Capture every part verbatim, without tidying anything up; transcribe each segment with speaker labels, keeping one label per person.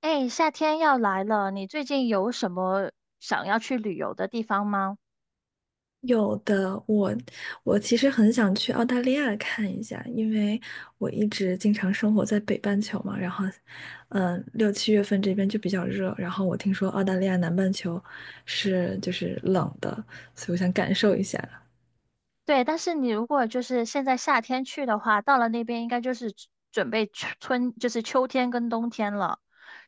Speaker 1: 哎，夏天要来了，你最近有什么想要去旅游的地方吗？
Speaker 2: 有的，我我其实很想去澳大利亚看一下，因为我一直经常生活在北半球嘛，然后，嗯，六七月份这边就比较热，然后我听说澳大利亚南半球是就是冷的，所以我想感受一下。
Speaker 1: 对，但是你如果就是现在夏天去的话，到了那边应该就是准准备春，春就是秋天跟冬天了，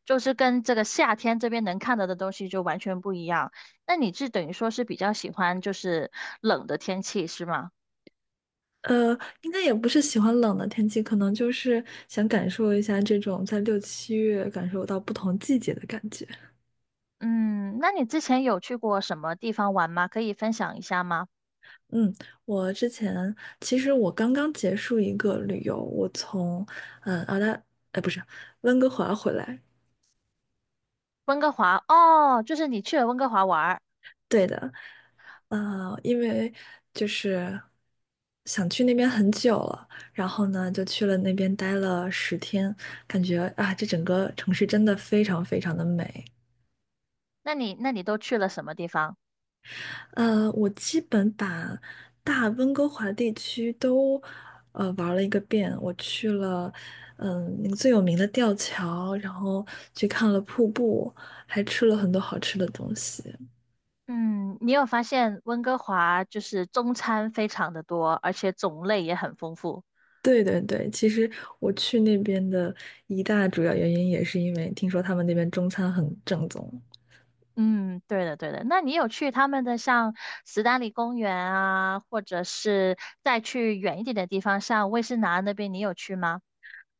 Speaker 1: 就是跟这个夏天这边能看到的东西就完全不一样。那你是等于说是比较喜欢就是冷的天气是吗？
Speaker 2: 呃，应该也不是喜欢冷的天气，可能就是想感受一下这种在六七月感受到不同季节的感觉。
Speaker 1: 嗯，那你之前有去过什么地方玩吗？可以分享一下吗？
Speaker 2: 嗯，我之前其实我刚刚结束一个旅游，我从嗯澳大，哎不是温哥华回来，
Speaker 1: 温哥华，哦，就是你去了温哥华玩儿，
Speaker 2: 对的。呃，因为就是想去那边很久了，然后呢就去了那边待了十天，感觉啊这整个城市真的非常非常的美。
Speaker 1: 那你那你都去了什么地方？
Speaker 2: 呃，我基本把大温哥华地区都呃玩了一个遍。我去了，嗯，那个最有名的吊桥，然后去看了瀑布，还吃了很多好吃的东西。
Speaker 1: 嗯，你有发现温哥华就是中餐非常的多，而且种类也很丰富。
Speaker 2: 对对对，其实我去那边的一大主要原因也是因为听说他们那边中餐很正宗。
Speaker 1: 嗯，对的对的。那你有去他们的像斯丹利公园啊，或者是再去远一点的地方，像威士拿那边，你有去吗？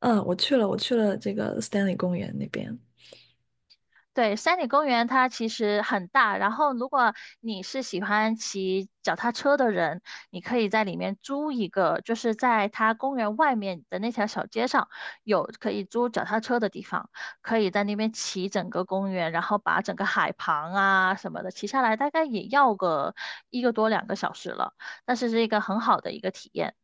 Speaker 2: 嗯，我去了，我去了这个 Stanley 公园那边。
Speaker 1: 对，山里公园它其实很大，然后如果你是喜欢骑脚踏车的人，你可以在里面租一个，就是在它公园外面的那条小街上有可以租脚踏车的地方，可以在那边骑整个公园，然后把整个海旁啊什么的骑下来，大概也要个一个多两个小时了，但是是一个很好的一个体验。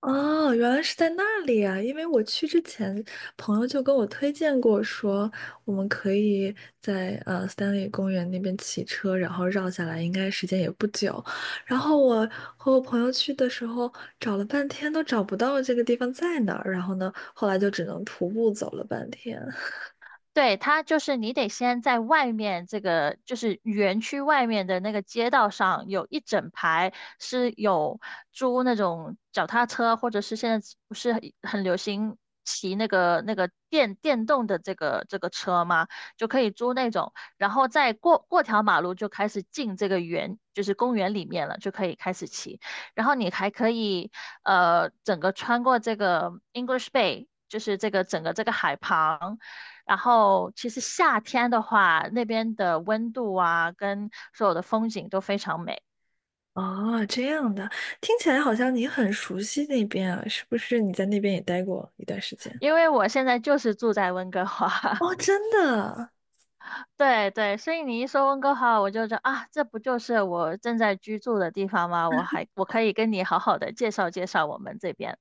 Speaker 2: 哦，原来是在那里啊！因为我去之前，朋友就跟我推荐过说，我们可以在呃三里公园那边骑车，然后绕下来，应该时间也不久。然后我和我朋友去的时候，找了半天都找不到这个地方在哪儿，然后呢，后来就只能徒步走了半天。
Speaker 1: 对，它就是你得先在外面这个，就是园区外面的那个街道上，有一整排是有租那种脚踏车，或者是现在不是很很流行骑那个那个电电动的这个这个车吗？就可以租那种，然后再过过条马路就开始进这个园，就是公园里面了，就可以开始骑。然后你还可以呃整个穿过这个 English Bay，就是这个整个这个海旁。然后其实夏天的话，那边的温度啊，跟所有的风景都非常美。
Speaker 2: 哦，这样的，听起来好像你很熟悉那边啊，是不是？你在那边也待过一段时间？
Speaker 1: 因为我现在就是住在温哥华，
Speaker 2: 哦，真的。
Speaker 1: 对对，所以你一说温哥华，我就觉得啊，这不就是我正在居住的地方吗？我还我可以跟你好好的介绍介绍我们这边。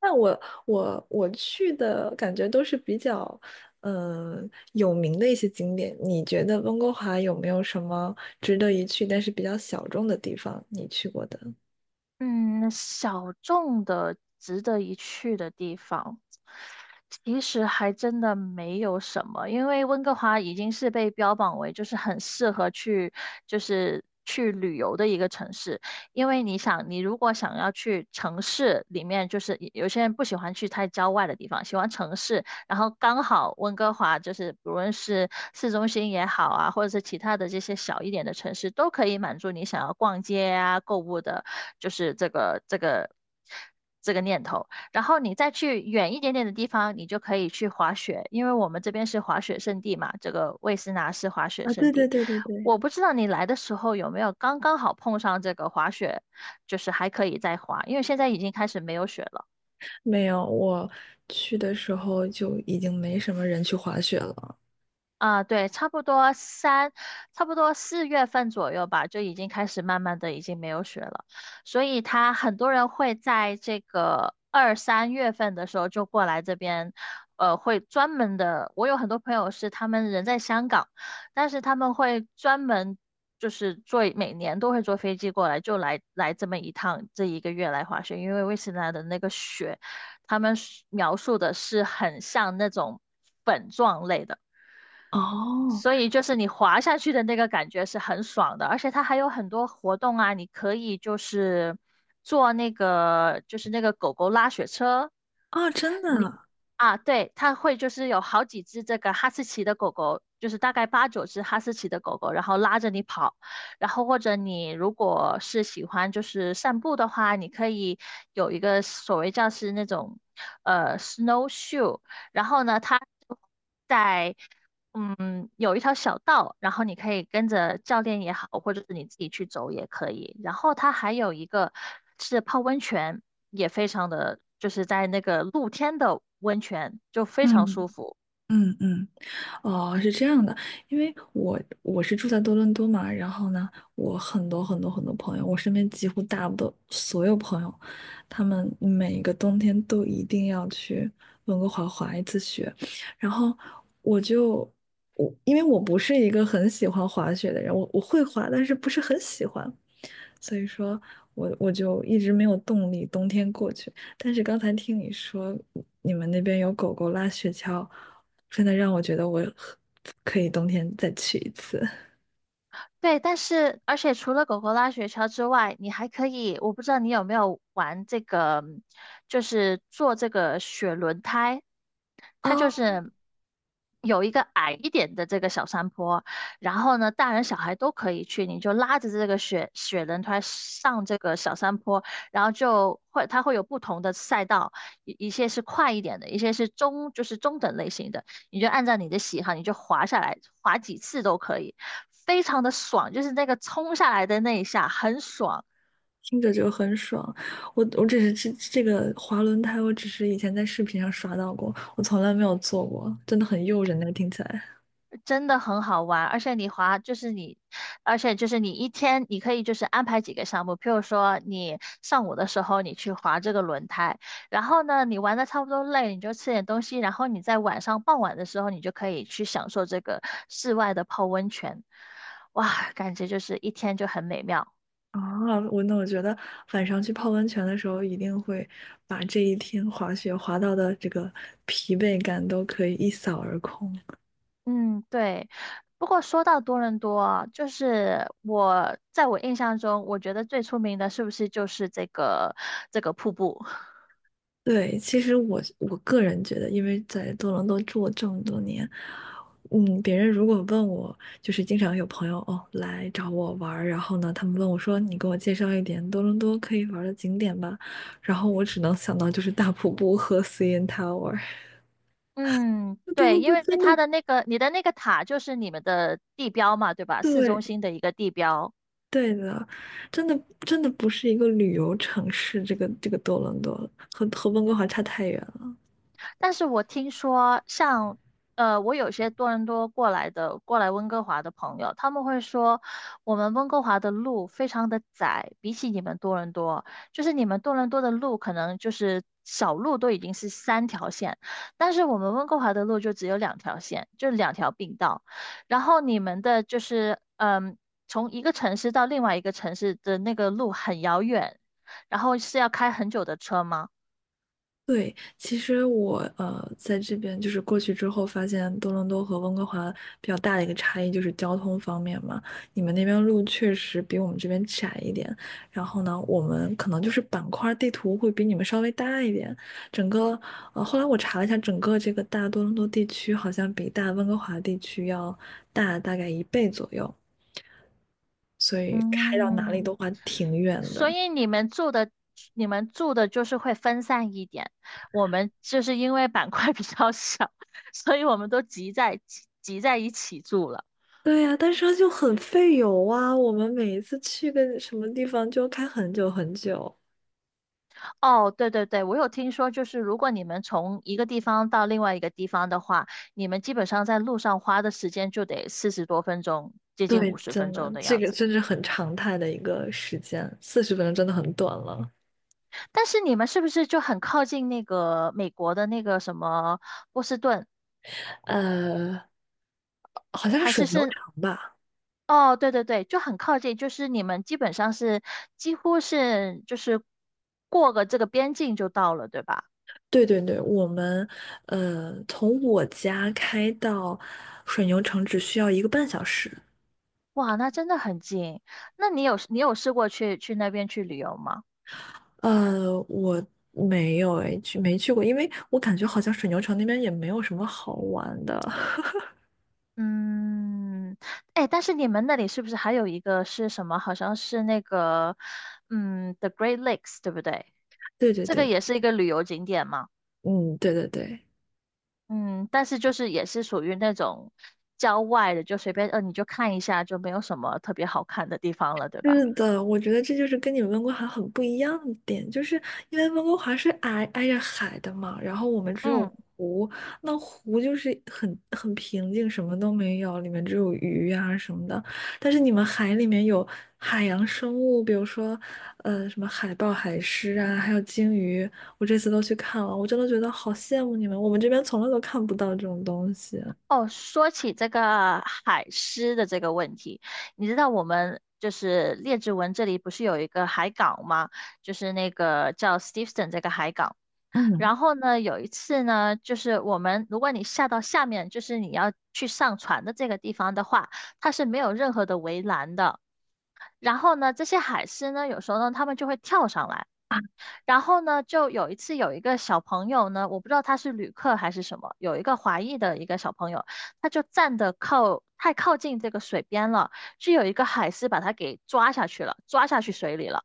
Speaker 2: 那我我我去的感觉都是比较，嗯、有名的一些景点。你觉得温哥华有没有什么值得一去，但是比较小众的地方？你去过的？
Speaker 1: 嗯，小众的、值得一去的地方，其实还真的没有什么，因为温哥华已经是被标榜为就是很适合去，就是去旅游的一个城市。因为你想，你如果想要去城市里面，就是有些人不喜欢去太郊外的地方，喜欢城市，然后刚好温哥华就是不论是市中心也好啊，或者是其他的这些小一点的城市，都可以满足你想要逛街啊、购物的，就是这个这个这个念头。然后你再去远一点点的地方，你就可以去滑雪，因为我们这边是滑雪胜地嘛，这个魏斯拿是滑雪
Speaker 2: 啊，
Speaker 1: 胜
Speaker 2: 对对
Speaker 1: 地。
Speaker 2: 对对对，
Speaker 1: 我不知道你来的时候有没有刚刚好碰上这个滑雪，就是还可以再滑，因为现在已经开始没有雪了。
Speaker 2: 没有，我去的时候就已经没什么人去滑雪了。
Speaker 1: 啊，对，差不多三，差不多四月份左右吧，就已经开始慢慢的已经没有雪了，所以他很多人会在这个二三月份的时候就过来这边，呃，会专门的，我有很多朋友是他们人在香港，但是他们会专门就是坐，每年都会坐飞机过来，就来来这么一趟，这一个月来滑雪，因为威斯兰的那个雪，他们是描述的是很像那种粉状类的。
Speaker 2: 哦，
Speaker 1: 所以就是你滑下去的那个感觉是很爽的，而且它还有很多活动啊，你可以就是坐那个就是那个狗狗拉雪车，
Speaker 2: 啊，真的
Speaker 1: 你
Speaker 2: 啊。
Speaker 1: 啊，对，它会就是有好几只这个哈士奇的狗狗，就是大概八九只哈士奇的狗狗，然后拉着你跑，然后或者你如果是喜欢就是散步的话，你可以有一个所谓叫是那种呃 snowshoe，然后呢它。在嗯，有一条小道，然后你可以跟着教练也好，或者是你自己去走也可以。然后它还有一个是泡温泉，也非常的，就是在那个露天的温泉，就非常
Speaker 2: 嗯
Speaker 1: 舒服。
Speaker 2: 嗯嗯。哦，是这样的，因为我我是住在多伦多嘛，然后呢，我很多很多很多朋友，我身边几乎大部分所有朋友，他们每一个冬天都一定要去温哥华滑一次雪，然后我就我因为我不是一个很喜欢滑雪的人，我我会滑，但是不是很喜欢，所以说我我就一直没有动力冬天过去。但是刚才听你说你们那边有狗狗拉雪橇，真的让我觉得我很可以冬天再去一次
Speaker 1: 对，但是而且除了狗狗拉雪橇之外，你还可以，我不知道你有没有玩这个，就是做这个雪轮胎，它
Speaker 2: 啊。
Speaker 1: 就 是有一个矮一点的这个小山坡，然后呢，大人小孩都可以去，你就拉着这个雪雪轮胎上这个小山坡，然后就会它会有不同的赛道，一一些是快一点的，一些是中就是中等类型的。你就按照你的喜好，你就滑下来，滑几次都可以，非常的爽，就是那个冲下来的那一下很爽，
Speaker 2: 听着就很爽。我我只是这这个滑轮胎，我只是以前在视频上刷到过，我从来没有坐过，真的很诱人那个听起来。
Speaker 1: 真的很好玩。而且你滑就是你，而且就是你一天你可以就是安排几个项目，譬如说你上午的时候你去滑这个轮胎，然后呢你玩的差不多累，你就吃点东西，然后你在晚上傍晚的时候你就可以去享受这个室外的泡温泉，哇，感觉就是一天就很美妙。
Speaker 2: 啊，我那我觉得晚上去泡温泉的时候，一定会把这一天滑雪滑到的这个疲惫感都可以一扫而空。
Speaker 1: 嗯，对。不过说到多伦多啊，就是我在我印象中，我觉得最出名的是不是就是这个这个瀑布？
Speaker 2: 对，其实我我个人觉得，因为在多伦多住了这么多年，嗯，别人如果问我，就是经常有朋友哦来找我玩儿，然后呢，他们问我说：“你给我介绍一点多伦多可以玩儿的景点吧。”然后我只能想到就是大瀑布和 C N Tower。
Speaker 1: 嗯，
Speaker 2: 多
Speaker 1: 对，
Speaker 2: 伦
Speaker 1: 因
Speaker 2: 多
Speaker 1: 为
Speaker 2: 真
Speaker 1: 它
Speaker 2: 的
Speaker 1: 的那个你的那个塔就是你们的地标嘛，对吧？市中
Speaker 2: 对
Speaker 1: 心的一个地标。
Speaker 2: 对的，真的真的不是一个旅游城市，这个这个多伦多和和温哥华差太远了。
Speaker 1: 但是我听说像，呃，我有些多伦多过来的，过来温哥华的朋友，他们会说，我们温哥华的路非常的窄，比起你们多伦多，就是你们多伦多的路可能就是小路都已经是三条线，但是我们温哥华的路就只有两条线，就两条并道，然后你们的就是，嗯，从一个城市到另外一个城市的那个路很遥远，然后是要开很久的车吗？
Speaker 2: 对，其实我呃在这边就是过去之后，发现多伦多和温哥华比较大的一个差异就是交通方面嘛。你们那边路确实比我们这边窄一点，然后呢，我们可能就是板块地图会比你们稍微大一点。整个呃，后来我查了一下，整个这个大多伦多地区好像比大温哥华地区要大大概一倍左右，所以开到哪里
Speaker 1: 嗯。
Speaker 2: 都还挺远
Speaker 1: 所
Speaker 2: 的。
Speaker 1: 以你们住的，你们住的就是会分散一点。我们就是因为板块 比较小，所以我们都集在集集在一起住了。
Speaker 2: 对呀，但是它就很费油啊。我们每一次去个什么地方就开很久很久。
Speaker 1: 哦，对对对，我有听说，就是如果你们从一个地方到另外一个地方的话，你们基本上在路上花的时间就得四十多分钟，接近
Speaker 2: 对，
Speaker 1: 五十
Speaker 2: 真
Speaker 1: 分
Speaker 2: 的，
Speaker 1: 钟的
Speaker 2: 这
Speaker 1: 样
Speaker 2: 个
Speaker 1: 子。
Speaker 2: 真是很常态的一个时间，四十分钟真的很短了。
Speaker 1: 但是你们是不是就很靠近那个美国的那个什么波士顿，
Speaker 2: 呃，好像是
Speaker 1: 还
Speaker 2: 水
Speaker 1: 是
Speaker 2: 牛
Speaker 1: 是
Speaker 2: 城吧？
Speaker 1: 哦，对对对，就很靠近，就是你们基本上是几乎是就是过个这个边境就到了，对吧？
Speaker 2: 对对对，我们呃从我家开到水牛城只需要一个半小时。
Speaker 1: 哇，那真的很近。那你有你有试过去去那边去旅游吗？
Speaker 2: 呃，我没有诶，去没去过，因为我感觉好像水牛城那边也没有什么好玩的。
Speaker 1: 嗯，哎，但是你们那里是不是还有一个是什么？好像是那个嗯，The Great Lakes，对不对？
Speaker 2: 对对
Speaker 1: 这个
Speaker 2: 对，
Speaker 1: 也是一个旅游景点嘛。
Speaker 2: 嗯，对对对。
Speaker 1: 嗯，但是就是也是属于那种郊外的，就随便呃你就看一下，就没有什么特别好看的地方了，对吧？
Speaker 2: 是的，我觉得这就是跟你们温哥华很不一样的点，就是因为温哥华是挨挨着海的嘛，然后我们只有
Speaker 1: 嗯，
Speaker 2: 湖，那湖就是很很平静，什么都没有，里面只有鱼啊什么的。但是你们海里面有海洋生物，比如说呃什么海豹、海狮啊，还有鲸鱼，我这次都去看了，我真的觉得好羡慕你们，我们这边从来都看不到这种东西。
Speaker 1: 哦，说起这个海狮的这个问题，你知道我们就是列治文这里不是有一个海港吗？就是那个叫 Steveston 这个海港。
Speaker 2: 嗯，
Speaker 1: 然后呢，有一次呢，就是我们如果你下到下面，就是你要去上船的这个地方的话，它是没有任何的围栏的。然后呢，这些海狮呢，有时候呢，它们就会跳上来。然后呢，就有一次有一个小朋友呢，我不知道他是旅客还是什么，有一个华裔的一个小朋友，他就站得靠太靠近这个水边了，就有一个海狮把他给抓下去了，抓下去水里了。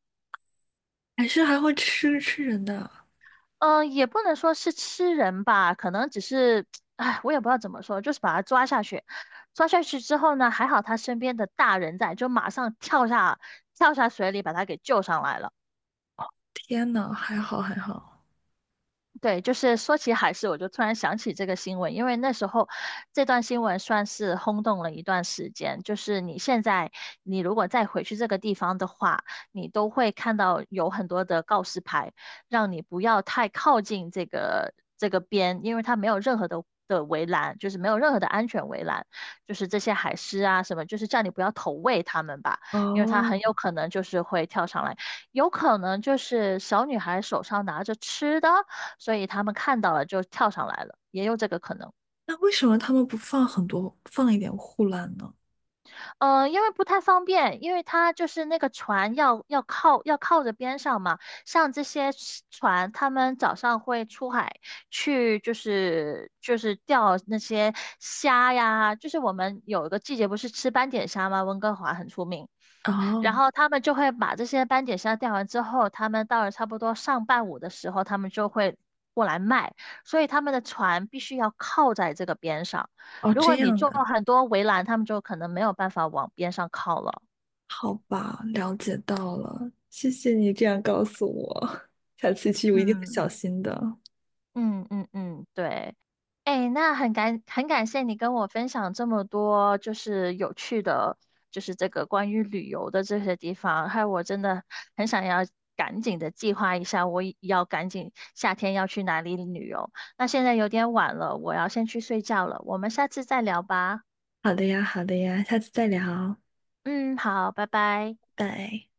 Speaker 2: 海狮还会吃吃人的，
Speaker 1: 嗯、呃也不能说是吃人吧，可能只是，哎，我也不知道怎么说，就是把他抓下去。抓下去之后呢，还好他身边的大人在，就马上跳下跳下水里把他给救上来了。
Speaker 2: 天呐，还好还好。
Speaker 1: 对，就是说起海狮，我就突然想起这个新闻，因为那时候这段新闻算是轰动了一段时间。就是你现在，你如果再回去这个地方的话，你都会看到有很多的告示牌，让你不要太靠近这个这个边，因为它没有任何的的围栏，就是没有任何的安全围栏，就是这些海狮啊什么，就是叫你不要投喂它们吧，因为它
Speaker 2: 哦，
Speaker 1: 很有可能就是会跳上来，有可能就是小女孩手上拿着吃的。所以他们看到了就跳上来了，也有这个可能。嗯
Speaker 2: 那为什么他们不放很多，放一点护栏呢？
Speaker 1: 呃，因为不太方便，因为它就是那个船要要靠要靠着边上嘛，像这些船，他们早上会出海去，就是就是钓那些虾呀，就是我们有一个季节不是吃斑点虾吗？温哥华很出名。然
Speaker 2: 哦
Speaker 1: 后他们就会把这些斑点虾钓完之后，他们到了差不多上半午的时候，他们就会过来卖，所以他们的船必须要靠在这个边上。
Speaker 2: 哦，
Speaker 1: 如
Speaker 2: 这
Speaker 1: 果你
Speaker 2: 样
Speaker 1: 做
Speaker 2: 的，
Speaker 1: 很多围栏，他们就可能没有办法往边上靠了。
Speaker 2: 好吧，了解到了，谢谢你这样告诉我。下次去我一定会
Speaker 1: 嗯
Speaker 2: 小心的。
Speaker 1: 嗯嗯嗯，对。哎，那很感很感谢你跟我分享这么多，就是有趣的，就是这个关于旅游的这些地方，害我真的很想要赶紧的计划一下，我也要赶紧夏天要去哪里旅游。那现在有点晚了，我要先去睡觉了，我们下次再聊吧。
Speaker 2: 好的呀，好的呀，下次再聊，
Speaker 1: 嗯，好，拜拜。
Speaker 2: 拜。